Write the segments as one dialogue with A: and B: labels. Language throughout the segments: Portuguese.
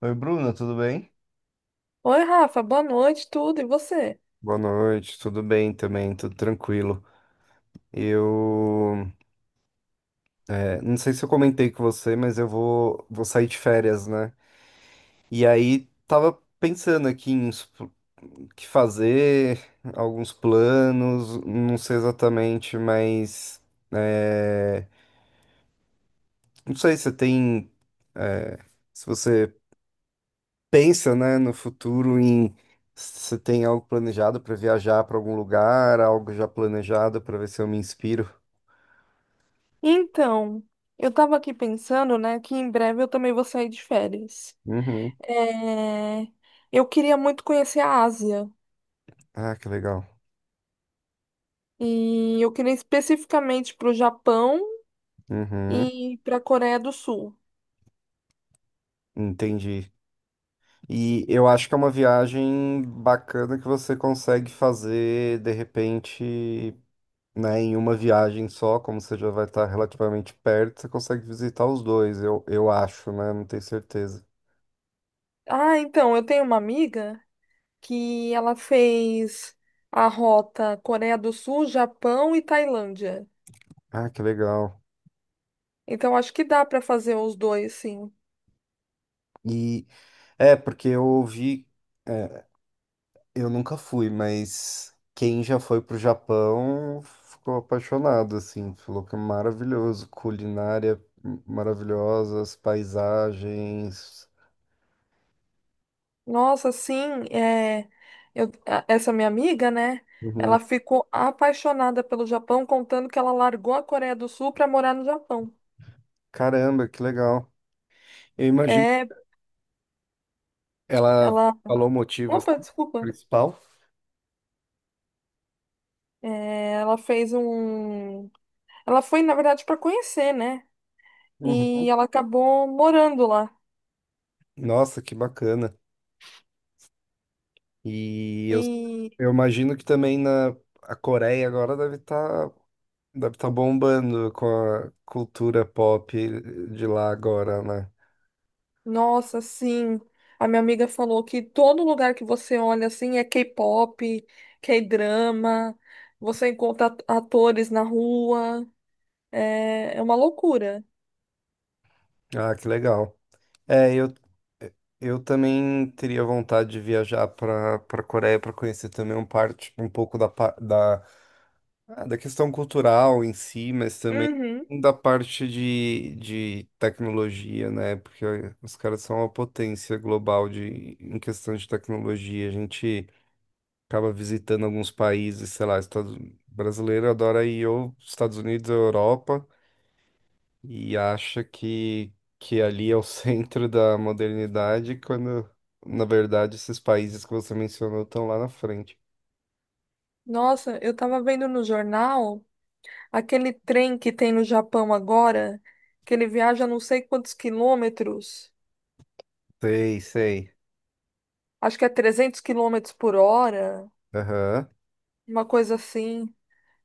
A: Oi, Bruna, tudo bem?
B: Oi, Rafa, boa noite, tudo, e você?
A: Boa noite, tudo bem também, tudo tranquilo. Eu, não sei se eu comentei com você, mas eu vou sair de férias, né? E aí tava pensando aqui em uns que fazer, alguns planos, não sei exatamente, mas é, não sei se você pensa, né, no futuro em se você tem algo planejado para viajar para algum lugar, algo já planejado para ver se eu me inspiro.
B: Então, eu tava aqui pensando, né, que em breve eu também vou sair de férias. É, Eu queria muito conhecer a Ásia,
A: Ah, que legal.
B: e eu queria especificamente para o Japão
A: Uhum,
B: e para a Coreia do Sul.
A: entendi. E eu acho que é uma viagem bacana que você consegue fazer de repente, né, em uma viagem só, como você já vai estar relativamente perto, você consegue visitar os dois, eu acho, né? Não tenho certeza.
B: Ah, então, eu tenho uma amiga que ela fez a rota Coreia do Sul, Japão e Tailândia.
A: Ah, que legal.
B: Então, acho que dá para fazer os dois, sim.
A: E porque eu ouvi. Eu nunca fui, mas quem já foi pro Japão ficou apaixonado, assim, falou que é maravilhoso, culinária maravilhosa, as paisagens.
B: Nossa, sim, é, essa minha amiga, né?
A: Uhum.
B: Ela ficou apaixonada pelo Japão, contando que ela largou a Coreia do Sul para morar no Japão.
A: Caramba, que legal. Eu imagino.
B: É,
A: Ela
B: ela.
A: falou o motivo assim,
B: Opa, desculpa.
A: principal.
B: É, ela fez um. Ela foi, na verdade, para conhecer, né? E
A: Uhum.
B: ela acabou morando lá.
A: Nossa, que bacana. E eu,
B: E,
A: eu imagino que também na a Coreia agora deve tá bombando com a cultura pop de lá agora, né?
B: nossa, sim. A minha amiga falou que todo lugar que você olha assim é K-pop, K-drama, você encontra atores na rua. É, é uma loucura.
A: Ah, que legal. É, eu também teria vontade de viajar para Coreia para conhecer também um parte um pouco da pa- da, ah, da questão cultural em si, mas também
B: Uhum.
A: da parte de tecnologia, né? Porque os caras são uma potência global de em questão de tecnologia. A gente acaba visitando alguns países, sei lá, Estados brasileiro adora ir ou Estados Unidos ou Europa. E acha que ali é o centro da modernidade, quando, na verdade, esses países que você mencionou estão lá na frente.
B: Nossa, eu tava vendo no jornal aquele trem que tem no Japão agora, que ele viaja não sei quantos quilômetros,
A: Sei, sei.
B: acho que é 300 km/h,
A: Aham.
B: uma coisa assim.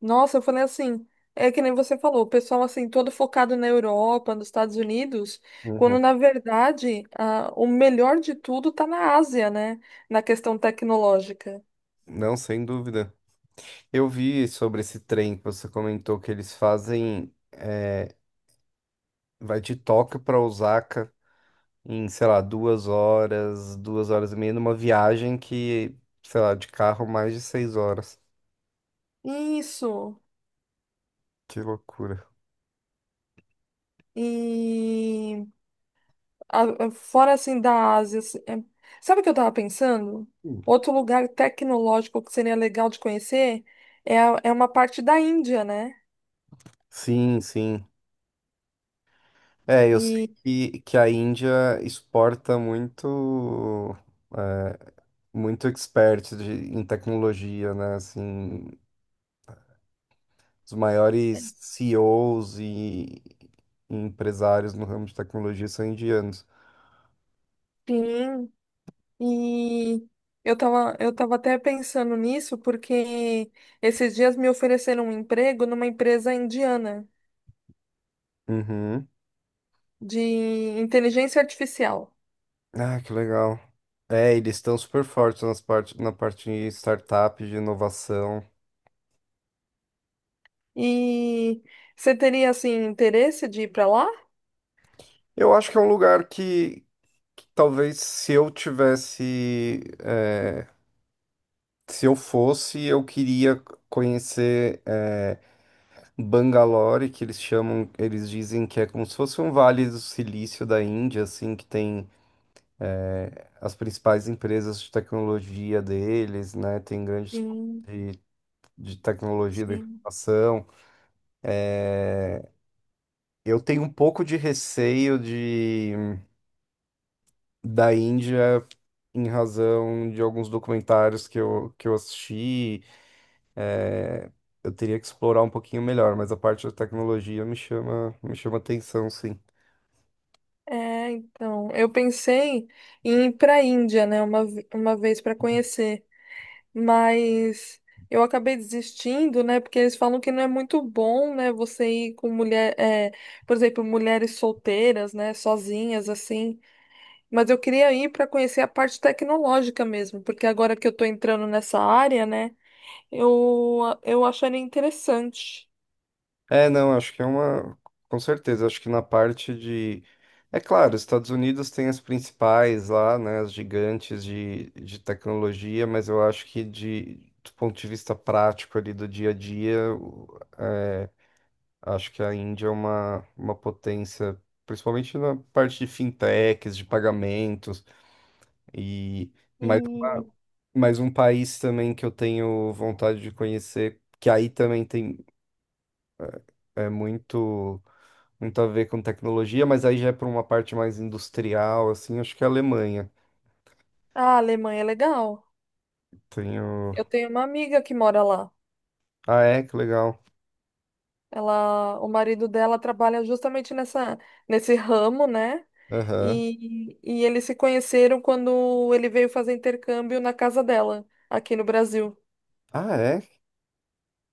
B: Nossa, eu falei assim, é que nem você falou, o pessoal assim, todo focado na Europa, nos Estados Unidos, quando
A: Uhum.
B: na verdade o melhor de tudo tá na Ásia, né? Na questão tecnológica.
A: Não, sem dúvida. Eu vi sobre esse trem que você comentou que eles fazem. Vai de Tóquio para Osaka em, sei lá, 2 horas, 2 horas e meia, numa viagem que, sei lá, de carro mais de 6 horas.
B: Isso.
A: Que loucura.
B: E. Fora assim da Ásia, assim, é- Sabe o que eu tava pensando?
A: Hum.
B: Outro lugar tecnológico que seria legal de conhecer é, é uma parte da Índia, né?
A: Sim, sim. É, eu sei
B: E
A: que a Índia exporta muito, é, muito expert em tecnologia, né? Assim, os maiores CEOs e, Os e empresários no ramo de tecnologia são indianos.
B: sim, e eu tava até pensando nisso porque esses dias me ofereceram um emprego numa empresa indiana
A: Uhum.
B: de inteligência artificial.
A: Ah, que legal. É, eles estão super fortes na parte de startup, de inovação.
B: E você teria assim interesse de ir para lá?
A: Eu acho que é um lugar que talvez se eu fosse, eu queria conhecer Bangalore, que eles chamam, eles dizem que é como se fosse um vale do silício da Índia, assim, que tem as principais empresas de tecnologia deles, né? Tem grandes
B: Sim,
A: de, de tecnologia da
B: sim.
A: informação. Eu tenho um pouco de receio de da Índia em razão de alguns documentários que eu assisti. Eu teria que explorar um pouquinho melhor, mas a parte da tecnologia me chama atenção, sim.
B: É, então, eu pensei em ir para a Índia, né, uma vez para conhecer, mas eu acabei desistindo, né, porque eles falam que não é muito bom, né, você ir com mulher, é, por exemplo, mulheres solteiras, né, sozinhas, assim. Mas eu queria ir para conhecer a parte tecnológica mesmo, porque agora que eu tô entrando nessa área, né, eu acharia interessante.
A: É, não, acho que é uma. Com certeza, acho que na parte de. É claro, os Estados Unidos tem as principais lá, né, as gigantes de tecnologia, mas eu acho que do ponto de vista prático ali do dia a dia, acho que a Índia é uma potência, principalmente na parte de fintechs, de pagamentos, e mais, uma-
B: E
A: mais um país também que eu tenho vontade de conhecer, que aí também tem é, muito. muito a ver com tecnologia, mas aí já é para uma parte mais industrial, assim, acho que é a Alemanha.
B: ah, a Alemanha é legal.
A: Tenho.
B: Eu tenho uma amiga que mora lá.
A: Ah, é? Que legal.
B: Ela, o marido dela trabalha justamente nesse ramo, né?
A: Aham.
B: E eles se conheceram quando ele veio fazer intercâmbio na casa dela, aqui no Brasil.
A: Ah, é?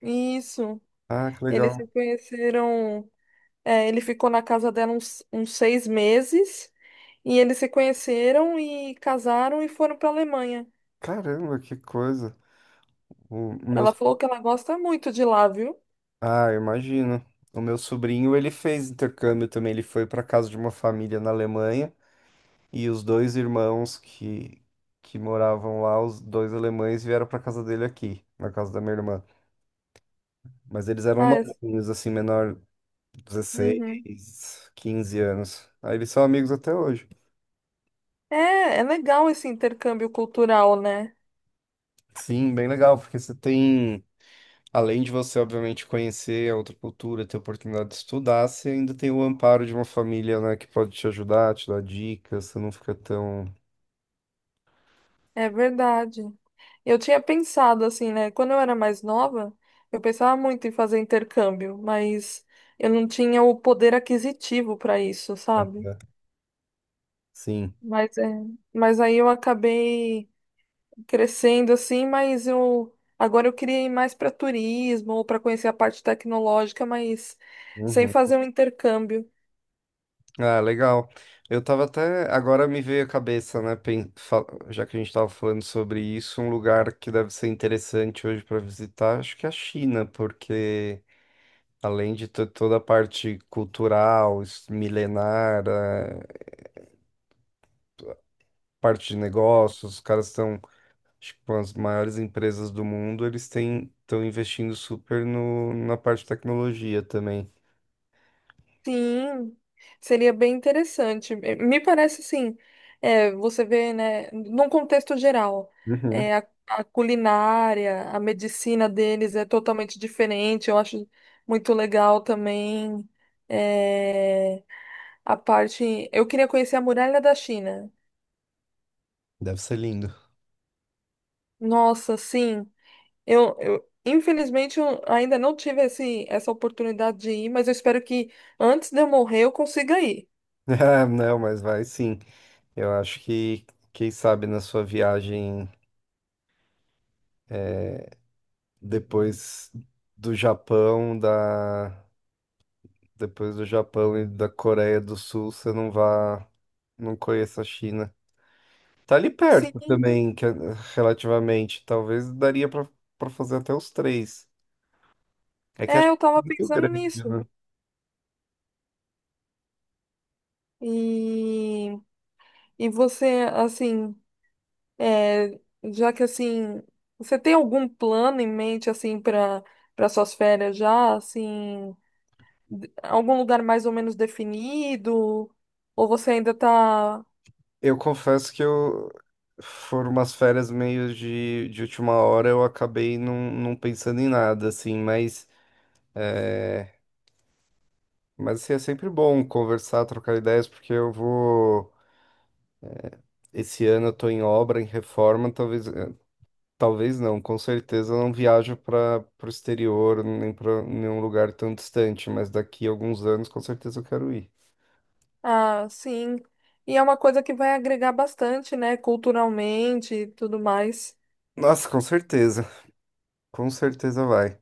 B: Isso.
A: Ah, que
B: Eles
A: legal.
B: se conheceram. É, ele ficou na casa dela uns 6 meses. E eles se conheceram e casaram e foram para Alemanha.
A: Caramba, que coisa. O meu.
B: Ela falou que ela gosta muito de lá, viu?
A: Ah, eu imagino. O meu sobrinho, ele fez intercâmbio também, ele foi para casa de uma família na Alemanha e os dois irmãos que moravam lá, os dois alemães vieram para casa dele aqui, na casa da minha irmã. Mas eles eram
B: Ah, é,
A: novinhos, assim, menor,
B: uhum.
A: 16, 15 anos. Aí eles são amigos até hoje.
B: É, é legal esse intercâmbio cultural, né?
A: Sim, bem legal, porque você tem, além de você, obviamente, conhecer a outra cultura, ter a oportunidade de estudar, você ainda tem o amparo de uma família, né, que pode te ajudar, te dar dicas, você não fica tão.
B: É verdade. Eu tinha pensado assim, né? Quando eu era mais nova, eu pensava muito em fazer intercâmbio, mas eu não tinha o poder aquisitivo para isso, sabe?
A: Né? Sim.
B: Mas é, mas aí eu acabei crescendo assim, mas eu agora eu queria ir mais para turismo ou para conhecer a parte tecnológica, mas sem
A: Uhum.
B: fazer um intercâmbio.
A: Ah, legal. Eu tava até. Agora me veio a cabeça, né? Já que a gente tava falando sobre isso, um lugar que deve ser interessante hoje para visitar, acho que é a China, porque. Além de toda a parte cultural, milenar, parte de negócios, os caras estão, acho que com as maiores empresas do mundo, eles têm, estão investindo super no, na parte de tecnologia também.
B: Sim, seria bem interessante. Me parece assim, você vê, né, num contexto geral,
A: Uhum.
B: a culinária, a medicina deles é totalmente diferente. Eu acho muito legal também, eh, a parte. Eu queria conhecer a muralha da China.
A: Deve ser lindo.
B: Nossa, sim. Eu infelizmente eu ainda não tive essa oportunidade de ir, mas eu espero que antes de eu morrer eu consiga ir.
A: Ah, não, mas vai sim. Eu acho que, quem sabe, na sua viagem depois do Japão, da, depois do Japão e da Coreia do Sul, você não vá, não conheça a China. Tá ali perto
B: Sim.
A: também, relativamente. Talvez daria pra para fazer até os três. É que
B: É,
A: acho que
B: eu
A: é
B: tava
A: muito
B: pensando
A: grande,
B: nisso.
A: né?
B: E, e você, assim, é, já que assim, você tem algum plano em mente, assim, para suas férias já, assim, d- algum lugar mais ou menos definido? Ou você ainda tá,
A: Eu confesso que eu foram umas férias meio de última hora, eu acabei não pensando em nada, assim, mas, assim, é sempre bom conversar, trocar ideias, porque eu vou. Esse ano eu tô em obra, em reforma, talvez, talvez não, com certeza eu não viajo para o exterior, nem para nenhum lugar tão distante, mas daqui a alguns anos com certeza eu quero ir.
B: ah, sim. E é uma coisa que vai agregar bastante, né, culturalmente e tudo mais.
A: Nossa, com certeza. Com certeza vai.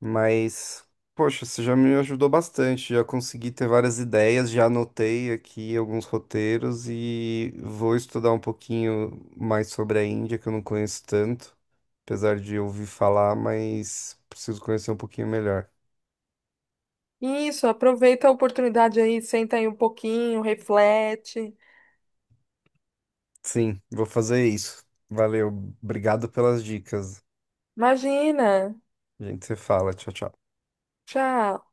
A: Mas, poxa, você já me ajudou bastante. Já consegui ter várias ideias, já anotei aqui alguns roteiros e vou estudar um pouquinho mais sobre a Índia, que eu não conheço tanto. Apesar de ouvir falar, mas preciso conhecer um pouquinho melhor.
B: Isso, aproveita a oportunidade aí, senta aí um pouquinho, reflete.
A: Sim, vou fazer isso. Valeu. Obrigado pelas dicas.
B: Imagina.
A: A gente se fala. Tchau, tchau.
B: Tchau.